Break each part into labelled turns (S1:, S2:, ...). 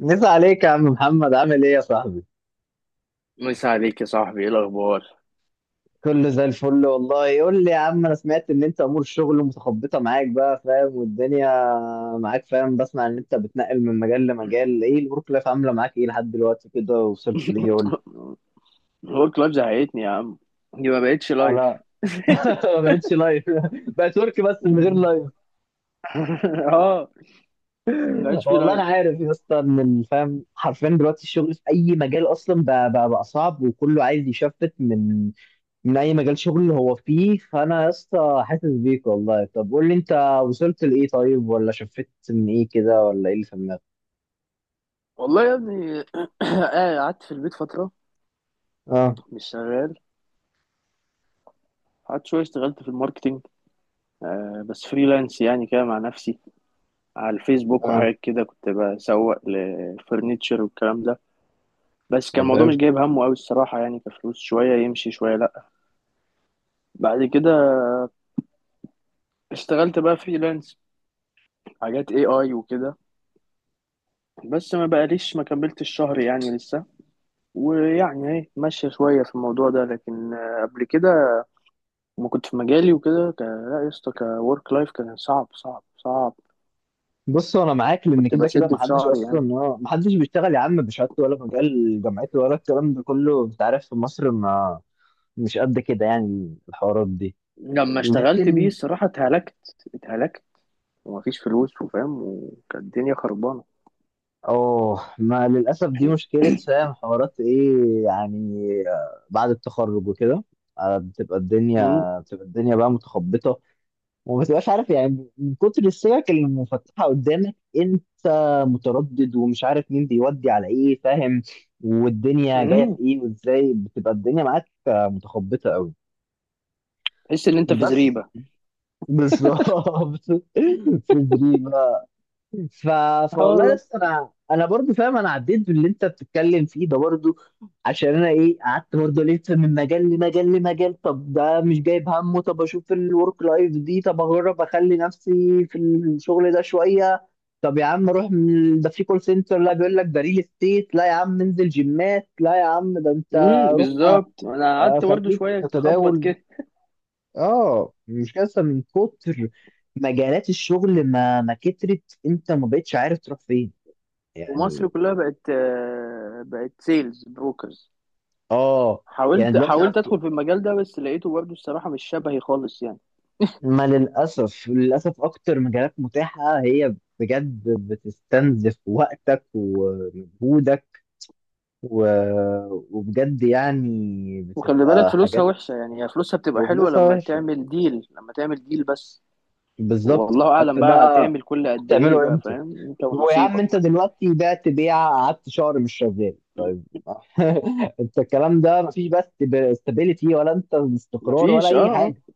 S1: مسا عليك يا عم محمد عامل ايه يا صاحبي؟
S2: مسا عليك يا صاحبي، ايه الاخبار؟
S1: كله زي الفل والله. قول لي يا عم، انا سمعت ان انت امور الشغل متخبطه معاك، بقى فاهم، والدنيا معاك، فاهم، بسمع ان انت بتنقل من مجال لمجال. ايه الورك لايف عامله معاك؟ ايه لحد دلوقتي كده وصلت ليه؟ قول لي.
S2: هو كلاب زهقتني يا عم. دي ما بقتش لايف.
S1: انا ما بقتش لايف، بقت ورك بس من غير لايف.
S2: اه، ما بقاش في
S1: والله
S2: لايف.
S1: انا عارف يا اسطى ان الفهم حرفيا دلوقتي الشغل في اي مجال اصلا بقى صعب، وكله عايز يشفت من اي مجال شغل هو فيه. فانا يا اسطى حاسس بيك والله. طب قول لي انت وصلت لايه طيب، ولا شفت من ايه كده، ولا ايه اللي في دماغك؟
S2: والله يا ابني، قعدت في البيت فتره
S1: اه،
S2: مش شغال. قعدت شويه اشتغلت في الماركتينج، آه بس فريلانس يعني كده مع نفسي على الفيسبوك
S1: اه،
S2: وحاجات كده. كنت بسوق لفرنتشر والكلام ده، بس كان
S1: طب
S2: الموضوع مش
S1: حلو.
S2: جايب همه قوي الصراحه، يعني كفلوس شويه يمشي شويه لا. بعد كده اشتغلت بقى فريلانس، حاجات اي اي وكده، بس ما بقاليش، ما كملتش الشهر يعني لسه. ويعني ايه، ماشية شوية في الموضوع ده، لكن قبل كده ما كنت في مجالي وكده، لا يا اسطى، كورك لايف كان صعب صعب صعب.
S1: بص انا معاك، لان
S2: كنت
S1: كده كده
S2: بشد في
S1: محدش
S2: شعري
S1: اصلا،
S2: يعني.
S1: محدش بيشتغل يا عم بشهادته ولا مجال جامعته ولا الكلام ده كله، انت عارف في مصر ما مش قد كده يعني الحوارات دي.
S2: لما اشتغلت بيه
S1: لكن
S2: الصراحة اتهلكت، اتهلكت، ومفيش فلوس وفاهم، وكانت الدنيا خربانة.
S1: اه، ما للاسف دي مشكله، فاهم، حوارات ايه يعني، بعد التخرج وكده، بتبقى
S2: امم
S1: الدنيا، بقى متخبطه، وما بتبقاش عارف يعني، من كتر السكك اللي مفتحه قدامك انت متردد ومش عارف مين بيودي على ايه، فاهم، والدنيا جايه
S2: امم،
S1: في ايه وازاي. بتبقى الدنيا معاك متخبطه قوي.
S2: تحس ان انت في
S1: بس
S2: زريبة.
S1: بالظبط. في دريم. ف...
S2: اه
S1: فوالله
S2: والله.
S1: لسه انا برضو فاهم. انا عديت باللي انت بتتكلم فيه ده برضو، عشان انا ايه، قعدت برضو الف من مجال لمجال لمجال. طب ده مش جايب همه، طب اشوف الورك لايف دي، طب اجرب اخلي نفسي في الشغل ده شويه. طب يا عم روح ده في كول سنتر، لا بيقول لك ده ريل استيت، لا يا عم انزل جيمات، لا يا عم ده انت
S2: امم،
S1: روح
S2: بالظبط. انا قعدت برضه
S1: خليك
S2: شوية تخبط
S1: تتداول.
S2: كده.
S1: اه، مش كده، من كتر مجالات الشغل، ما كترت انت ما بقتش عارف تروح فين
S2: ومصر
S1: يعني.
S2: كلها بقت، بقت سيلز بروكرز.
S1: اه. يعني
S2: حاولت
S1: دلوقتي
S2: حاولت
S1: عارف،
S2: ادخل في المجال ده، بس لقيته برضه الصراحه مش شبهي خالص يعني.
S1: ما للأسف، للأسف أكتر مجالات متاحة هي بجد بتستنزف وقتك ومجهودك و... وبجد يعني
S2: وخلي بالك
S1: بتبقى
S2: فلوسها
S1: حاجات.
S2: وحشه، يعني هي فلوسها بتبقى حلوه
S1: وفلوسها
S2: لما
S1: وحشة.
S2: تعمل ديل، لما تعمل ديل بس.
S1: بالظبط.
S2: والله
S1: أنت
S2: اعلم بقى
S1: بقى
S2: هتعمل كل قد ايه،
S1: هتعمله
S2: بقى
S1: إمتى؟
S2: فاهم، انت
S1: ويا عم
S2: ونصيبك.
S1: أنت دلوقتي بعت بيعة، قعدت شهر مش شغال، طيب أنت الكلام ده مفيش بس استابيليتي ولا أنت استقرار ولا
S2: مفيش، اه
S1: أي حاجة.
S2: اه.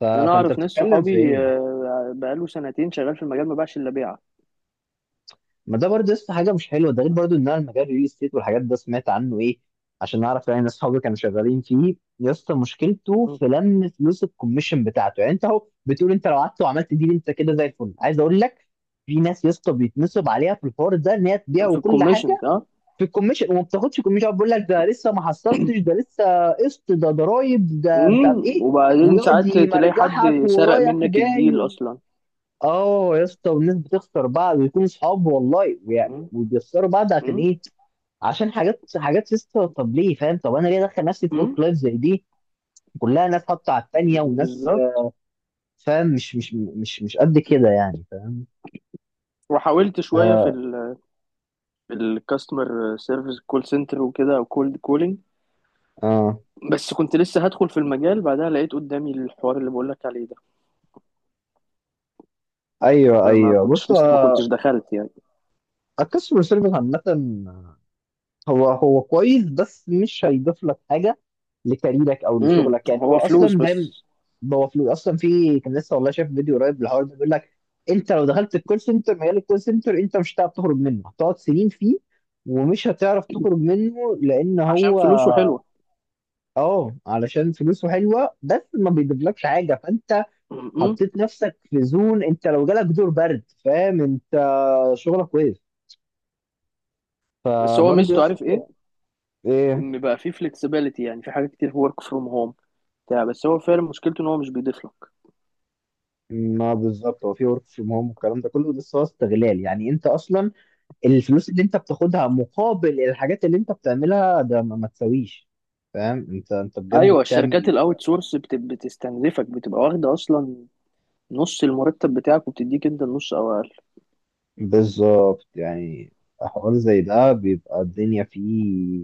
S2: يعني انا
S1: فأنت
S2: اعرف ناس
S1: بتتكلم في
S2: صحابي،
S1: إيه؟
S2: بقاله سنتين شغال في المجال، ما باعش الا بيعه.
S1: ما ده برضه لسه حاجه مش حلوه. ده غير برضه ان انا المجال الريل استيت والحاجات ده سمعت عنه ايه عشان اعرف يعني. ناس صحابي كانوا شغالين فيه يا اسطى، مشكلته
S2: مم.
S1: في لم فلوس الكوميشن بتاعته. يعني انت اهو بتقول انت لو قعدت وعملت دي انت كده زي الفل، عايز اقول لك في ناس يا اسطى بيتنصب عليها في الحوار ده، ان هي تبيع
S2: في
S1: وكل
S2: الكوميشنز،
S1: حاجه
S2: اه.
S1: في الكوميشن، وما بتاخدش كوميشن، بيقول لك ده لسه ما حصلتش، ده لسه قسط، ده ضرايب، ده مش عارف
S2: امم،
S1: ايه،
S2: وبعدين
S1: ويقعد
S2: ساعات تلاقي حد
S1: يمرجحك
S2: سرق
S1: ورايح
S2: منك الديل
S1: جاي.
S2: اصلا.
S1: اه يا اسطى، والناس بتخسر بعض ويكونوا صحاب والله، ويعني
S2: امم
S1: وبيخسروا بعض عشان ايه؟ عشان حاجات حاجات يا اسطى. طب ليه، فاهم، طب انا ليه ادخل نفسي في
S2: امم،
S1: ورك لايف زي دي، كلها ناس حاطه على التانيه وناس
S2: بالظبط.
S1: فاهم. مش قد كده يعني، فاهم.
S2: وحاولت شويه في
S1: اه،
S2: الكاستمر سيرفيس، كول سنتر وكده، او كولد كولينج.
S1: اه،
S2: بس كنت لسه هدخل في المجال، بعدها لقيت قدامي الحوار اللي بقول لك عليه ده.
S1: ايوه
S2: فما
S1: ايوه. بص
S2: كنتش، لسه ما كنتش دخلت يعني.
S1: الكاستمر سيرفيس عامه هو هو كويس، بس مش هيضيف لك حاجه لكاريرك او
S2: امم،
S1: لشغلك، يعني هو
S2: هو فلوس
S1: اصلا ده
S2: بس.
S1: هو فلوس اصلا. في كان لسه والله شايف فيديو قريب للحوار ده، بيقول لك انت لو دخلت الكول سنتر، مجال الكول سنتر انت مش هتعرف تخرج منه، هتقعد سنين فيه ومش هتعرف تخرج منه، لان
S2: عشان
S1: هو
S2: فلوسه حلوه.
S1: اه علشان فلوسه حلوه، بس ما بيجيبلكش حاجه. فانت
S2: امم.
S1: حطيت نفسك في زون، انت لو جالك دور برد فاهم انت شغلك كويس.
S2: بس هو
S1: فبرضه يا
S2: ميزته، عارف ايه؟
S1: اسطى ايه،
S2: ان بقى فيه فلكسبيليتي، يعني في حاجات كتير ورك فروم هوم بتاع، بس هو فعلا مشكلته ان هو مش بيضيف لك.
S1: ما بالظبط، هو في ورك فروم هوم والكلام ده كله، بس هو استغلال يعني. انت اصلا الفلوس اللي انت بتاخدها مقابل الحاجات اللي انت بتعملها ده ما تساويش، فاهم، انت انت بجد
S2: ايوه، الشركات
S1: بتعمل.
S2: الاوت سورس بتستنزفك، بتبقى واخده اصلا نص المرتب بتاعك، وبتديك انت النص او اقل.
S1: بالظبط يعني. حوار زي ده بيبقى الدنيا فيه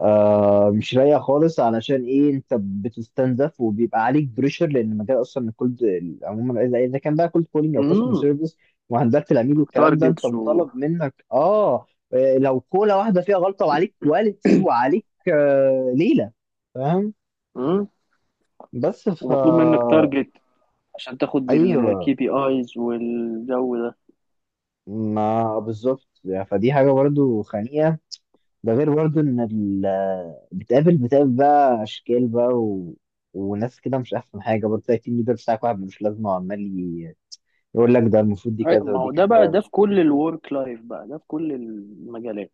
S1: آه مش رايقة خالص، علشان ايه، انت بتستنزف وبيبقى عليك بريشر، لان مجال اصلا الكولد عموما، إذا كان بقى كولد كولينج او كاستمر
S2: امم،
S1: سيرفيس وهندلة العميل والكلام ده، انت
S2: تارجتس و،
S1: مطالب منك اه، لو كولا واحدة فيها غلطة، وعليك كواليتي وعليك آه ليلة، فاهم، بس ف
S2: ومطلوب منك تارجت عشان تاخد
S1: ايوه.
S2: الكي بي ايز والجو ده.
S1: ما بالظبط يعني. فدي حاجه برضو خانقه، ده غير برضو ان بتقابل بقى اشكال بقى وناس كده مش احسن حاجه. برضو تلاقي التيم ليدر بتاعك واحد ملوش لازمه، وعمال يقول لك ده المفروض دي كذا
S2: ما
S1: ودي
S2: هو ده بقى،
S1: كذا.
S2: ده في كل الورك لايف بقى، ده في كل المجالات.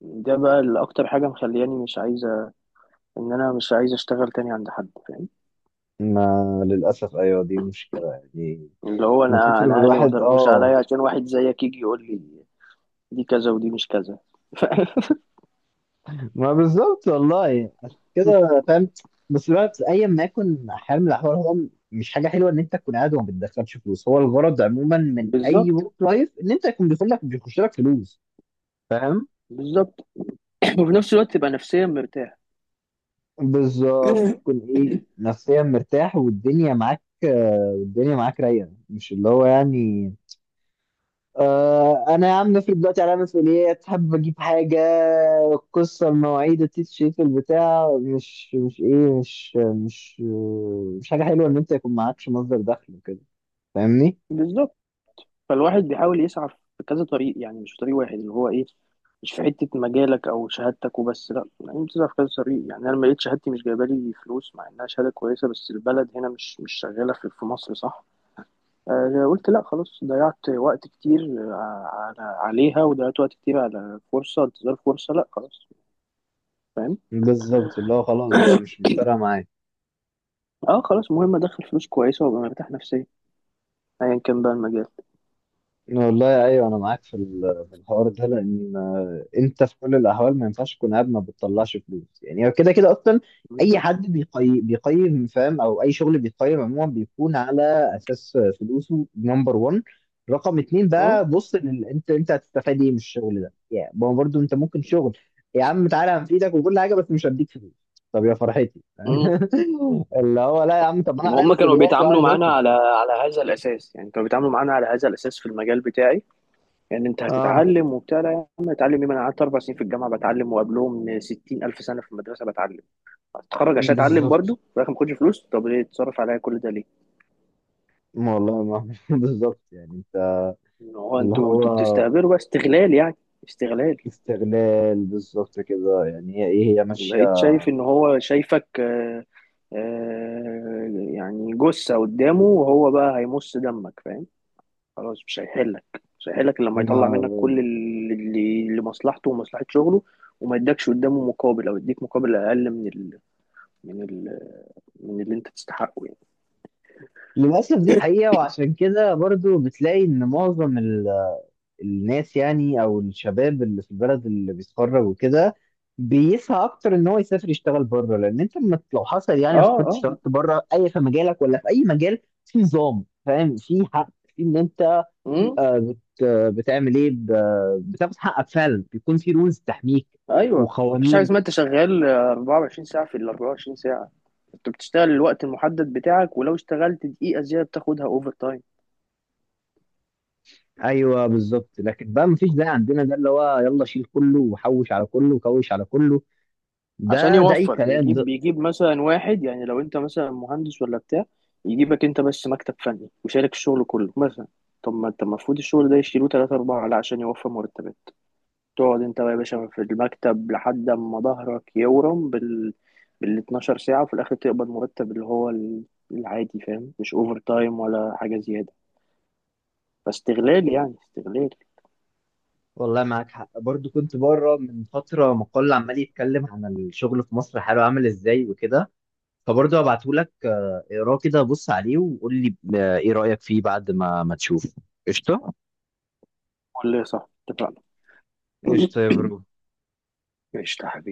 S2: ده بقى اللي اكتر حاجه مخلياني مش عايزه ان انا مش عايز اشتغل تاني عند حد، فاهم؟
S1: ما للاسف ايوه دي مشكله يعني،
S2: اللي هو
S1: من
S2: انا
S1: كتر ما
S2: انا اهلي ما
S1: الواحد
S2: صرفوش
S1: اه.
S2: عليا عشان واحد زيك يجي يقول لي دي كذا ودي مش كذا. ف...
S1: ما بالظبط والله، عشان كده فاهم، بس بقى ايا ما يكن حال من الاحوال، هو مش حاجه حلوه ان انت تكون قاعد وما بتدخلش فلوس. هو الغرض عموما من اي
S2: بالظبط،
S1: ورك لايف ان انت يكون بيدخل لك، بيخش لك فلوس، فاهم.
S2: بالظبط. وفي نفس الوقت تبقى نفسيا مرتاح.
S1: بالظبط، تكون ايه، نفسيا مرتاح، والدنيا معاك والدنيا معاك رايقه، مش اللي هو يعني آه انا يا عم افرض دلوقتي عليا مسؤوليات، حابب اجيب حاجه، القصه المواعيد، التيشيرت، البتاع، مش ايه، مش حاجه حلوه ان انت يكون معكش مصدر دخل وكده، فاهمني.
S2: بالظبط. فالواحد بيحاول يسعى في كذا طريق، يعني مش طريق واحد، اللي هو ايه، مش في حتة مجالك أو شهادتك وبس، لأ، يعني بتسعى في كذا طريق. يعني أنا لما لقيت شهادتي مش جايبة لي فلوس، مع إنها شهادة كويسة، بس البلد هنا مش شغالة في مصر، صح؟ قلت لأ خلاص، ضيعت وقت كتير على عليها، وضيعت وقت كتير على فرصة، انتظار فرصة، لأ خلاص، فاهم.
S1: بالظبط، اللي هو خلاص بقى مش فارقه معايا.
S2: اه خلاص، المهم أدخل فلوس كويسة وأبقى مرتاح نفسيا، أيا كان بقى المجال.
S1: والله ايوه انا معاك في في الحوار ده، لان انت في كل الاحوال ما ينفعش تكون قاعد ما بتطلعش فلوس. يعني هو كده كده اصلا اي
S2: بالظبط.
S1: حد بيقيم، فاهم، او اي شغل بيقيم عموما بيكون على اساس فلوسه نمبر 1. رقم اتنين
S2: اه،
S1: بقى، بص انت انت هتستفاد ايه من الشغل ده يعني، ما هو برضه انت ممكن شغل يا عم تعالى هنفيدك وكل حاجه، بس مش هديك فلوس. طب يا فرحتي اللي هو لا يا عم، طب انا
S2: ما
S1: عليا
S2: هم كانوا
S1: مسؤوليات
S2: بيتعاملوا
S1: وعايز
S2: معانا
S1: اصرف.
S2: على على هذا الاساس، يعني كانوا بيتعاملوا معانا على هذا الاساس في المجال بتاعي. يعني انت
S1: اه
S2: هتتعلم وبتاع، لا يا عم، اتعلم ايه، ما انا قعدت اربع سنين في الجامعه بتعلم، وقبلهم 60000 الف سنه في المدرسه بتعلم. هتتخرج عشان اتعلم برضو
S1: بالظبط،
S2: في الاخر ما اخدش فلوس، طب ليه تصرف عليا كل ده ليه؟
S1: والله ما بالظبط يعني انت،
S2: ان هو
S1: اللي
S2: انتوا
S1: هو
S2: بتستهبلوا بقى، استغلال يعني، استغلال.
S1: استغلال، بالظبط كده يعني، هي ايه، هي ماشيه.
S2: بقيت شايف ان هو شايفك يعني جثه قدامه، وهو بقى هيمص دمك، فاهم. خلاص مش هيحلك، مش هيحلك إلا لما يطلع منك
S1: ما-
S2: كل اللي اللي مصلحته ومصلحة شغله، وما يدكش قدامه مقابل، او يديك مقابل اقل من ال... من اللي انت تستحقه يعني.
S1: للاسف دي حقيقه، وعشان كده برضو بتلاقي ان معظم الناس يعني، او الشباب اللي في البلد اللي بيتخرج وكده، بيسعى اكتر ان هو يسافر يشتغل بره. لان انت لما لو حصل
S2: اه
S1: يعني سافرت
S2: اه.
S1: اشتغلت بره، اي في مجالك ولا في اي مجال، في نظام، فاهم، في حق، في ان انت
S2: امم.
S1: بت بتعمل ايه، بتاخد حقك فعلا، بيكون في رولز تحميك
S2: ايوه مفيش حاجه
S1: وقوانين.
S2: اسمها انت شغال 24 ساعه في ال 24 ساعه. انت بتشتغل الوقت المحدد بتاعك، ولو اشتغلت دقيقه زياده بتاخدها اوفر تايم.
S1: ايوه بالظبط. لكن بقى مفيش ده عندنا، ده اللي هو يلا شيل كله، وحوش على كله، وكوش على كله،
S2: عشان
S1: ده ده اي
S2: يوفر،
S1: كلام ده.
S2: يجيب يجيب مثلا واحد، يعني لو انت مثلا مهندس ولا بتاع، يجيبك انت بس مكتب فني وشارك الشغل كله مثلا. طب ما انت المفروض الشغل ده يشيلوه تلاتة أربعة، لا، عشان يوفر مرتبات تقعد انت بقى يا باشا في المكتب لحد ما ظهرك يورم بال 12 ساعة، وفي الآخر تقبض مرتب اللي هو العادي، فاهم، مش أوفر تايم ولا حاجة زيادة. فاستغلال يعني استغلال.
S1: والله معاك حق، برضو كنت بره من فتره مقال عمال يتكلم عن الشغل في مصر حاله عامل ازاي وكده، فبرضه هبعته لك اقراه كده بص عليه وقول لي ايه رايك فيه بعد ما تشوفه. قشطه.
S2: قول لي صح، اتفقنا.
S1: قشطه يا برو.
S2: ماشي يا حبيبي.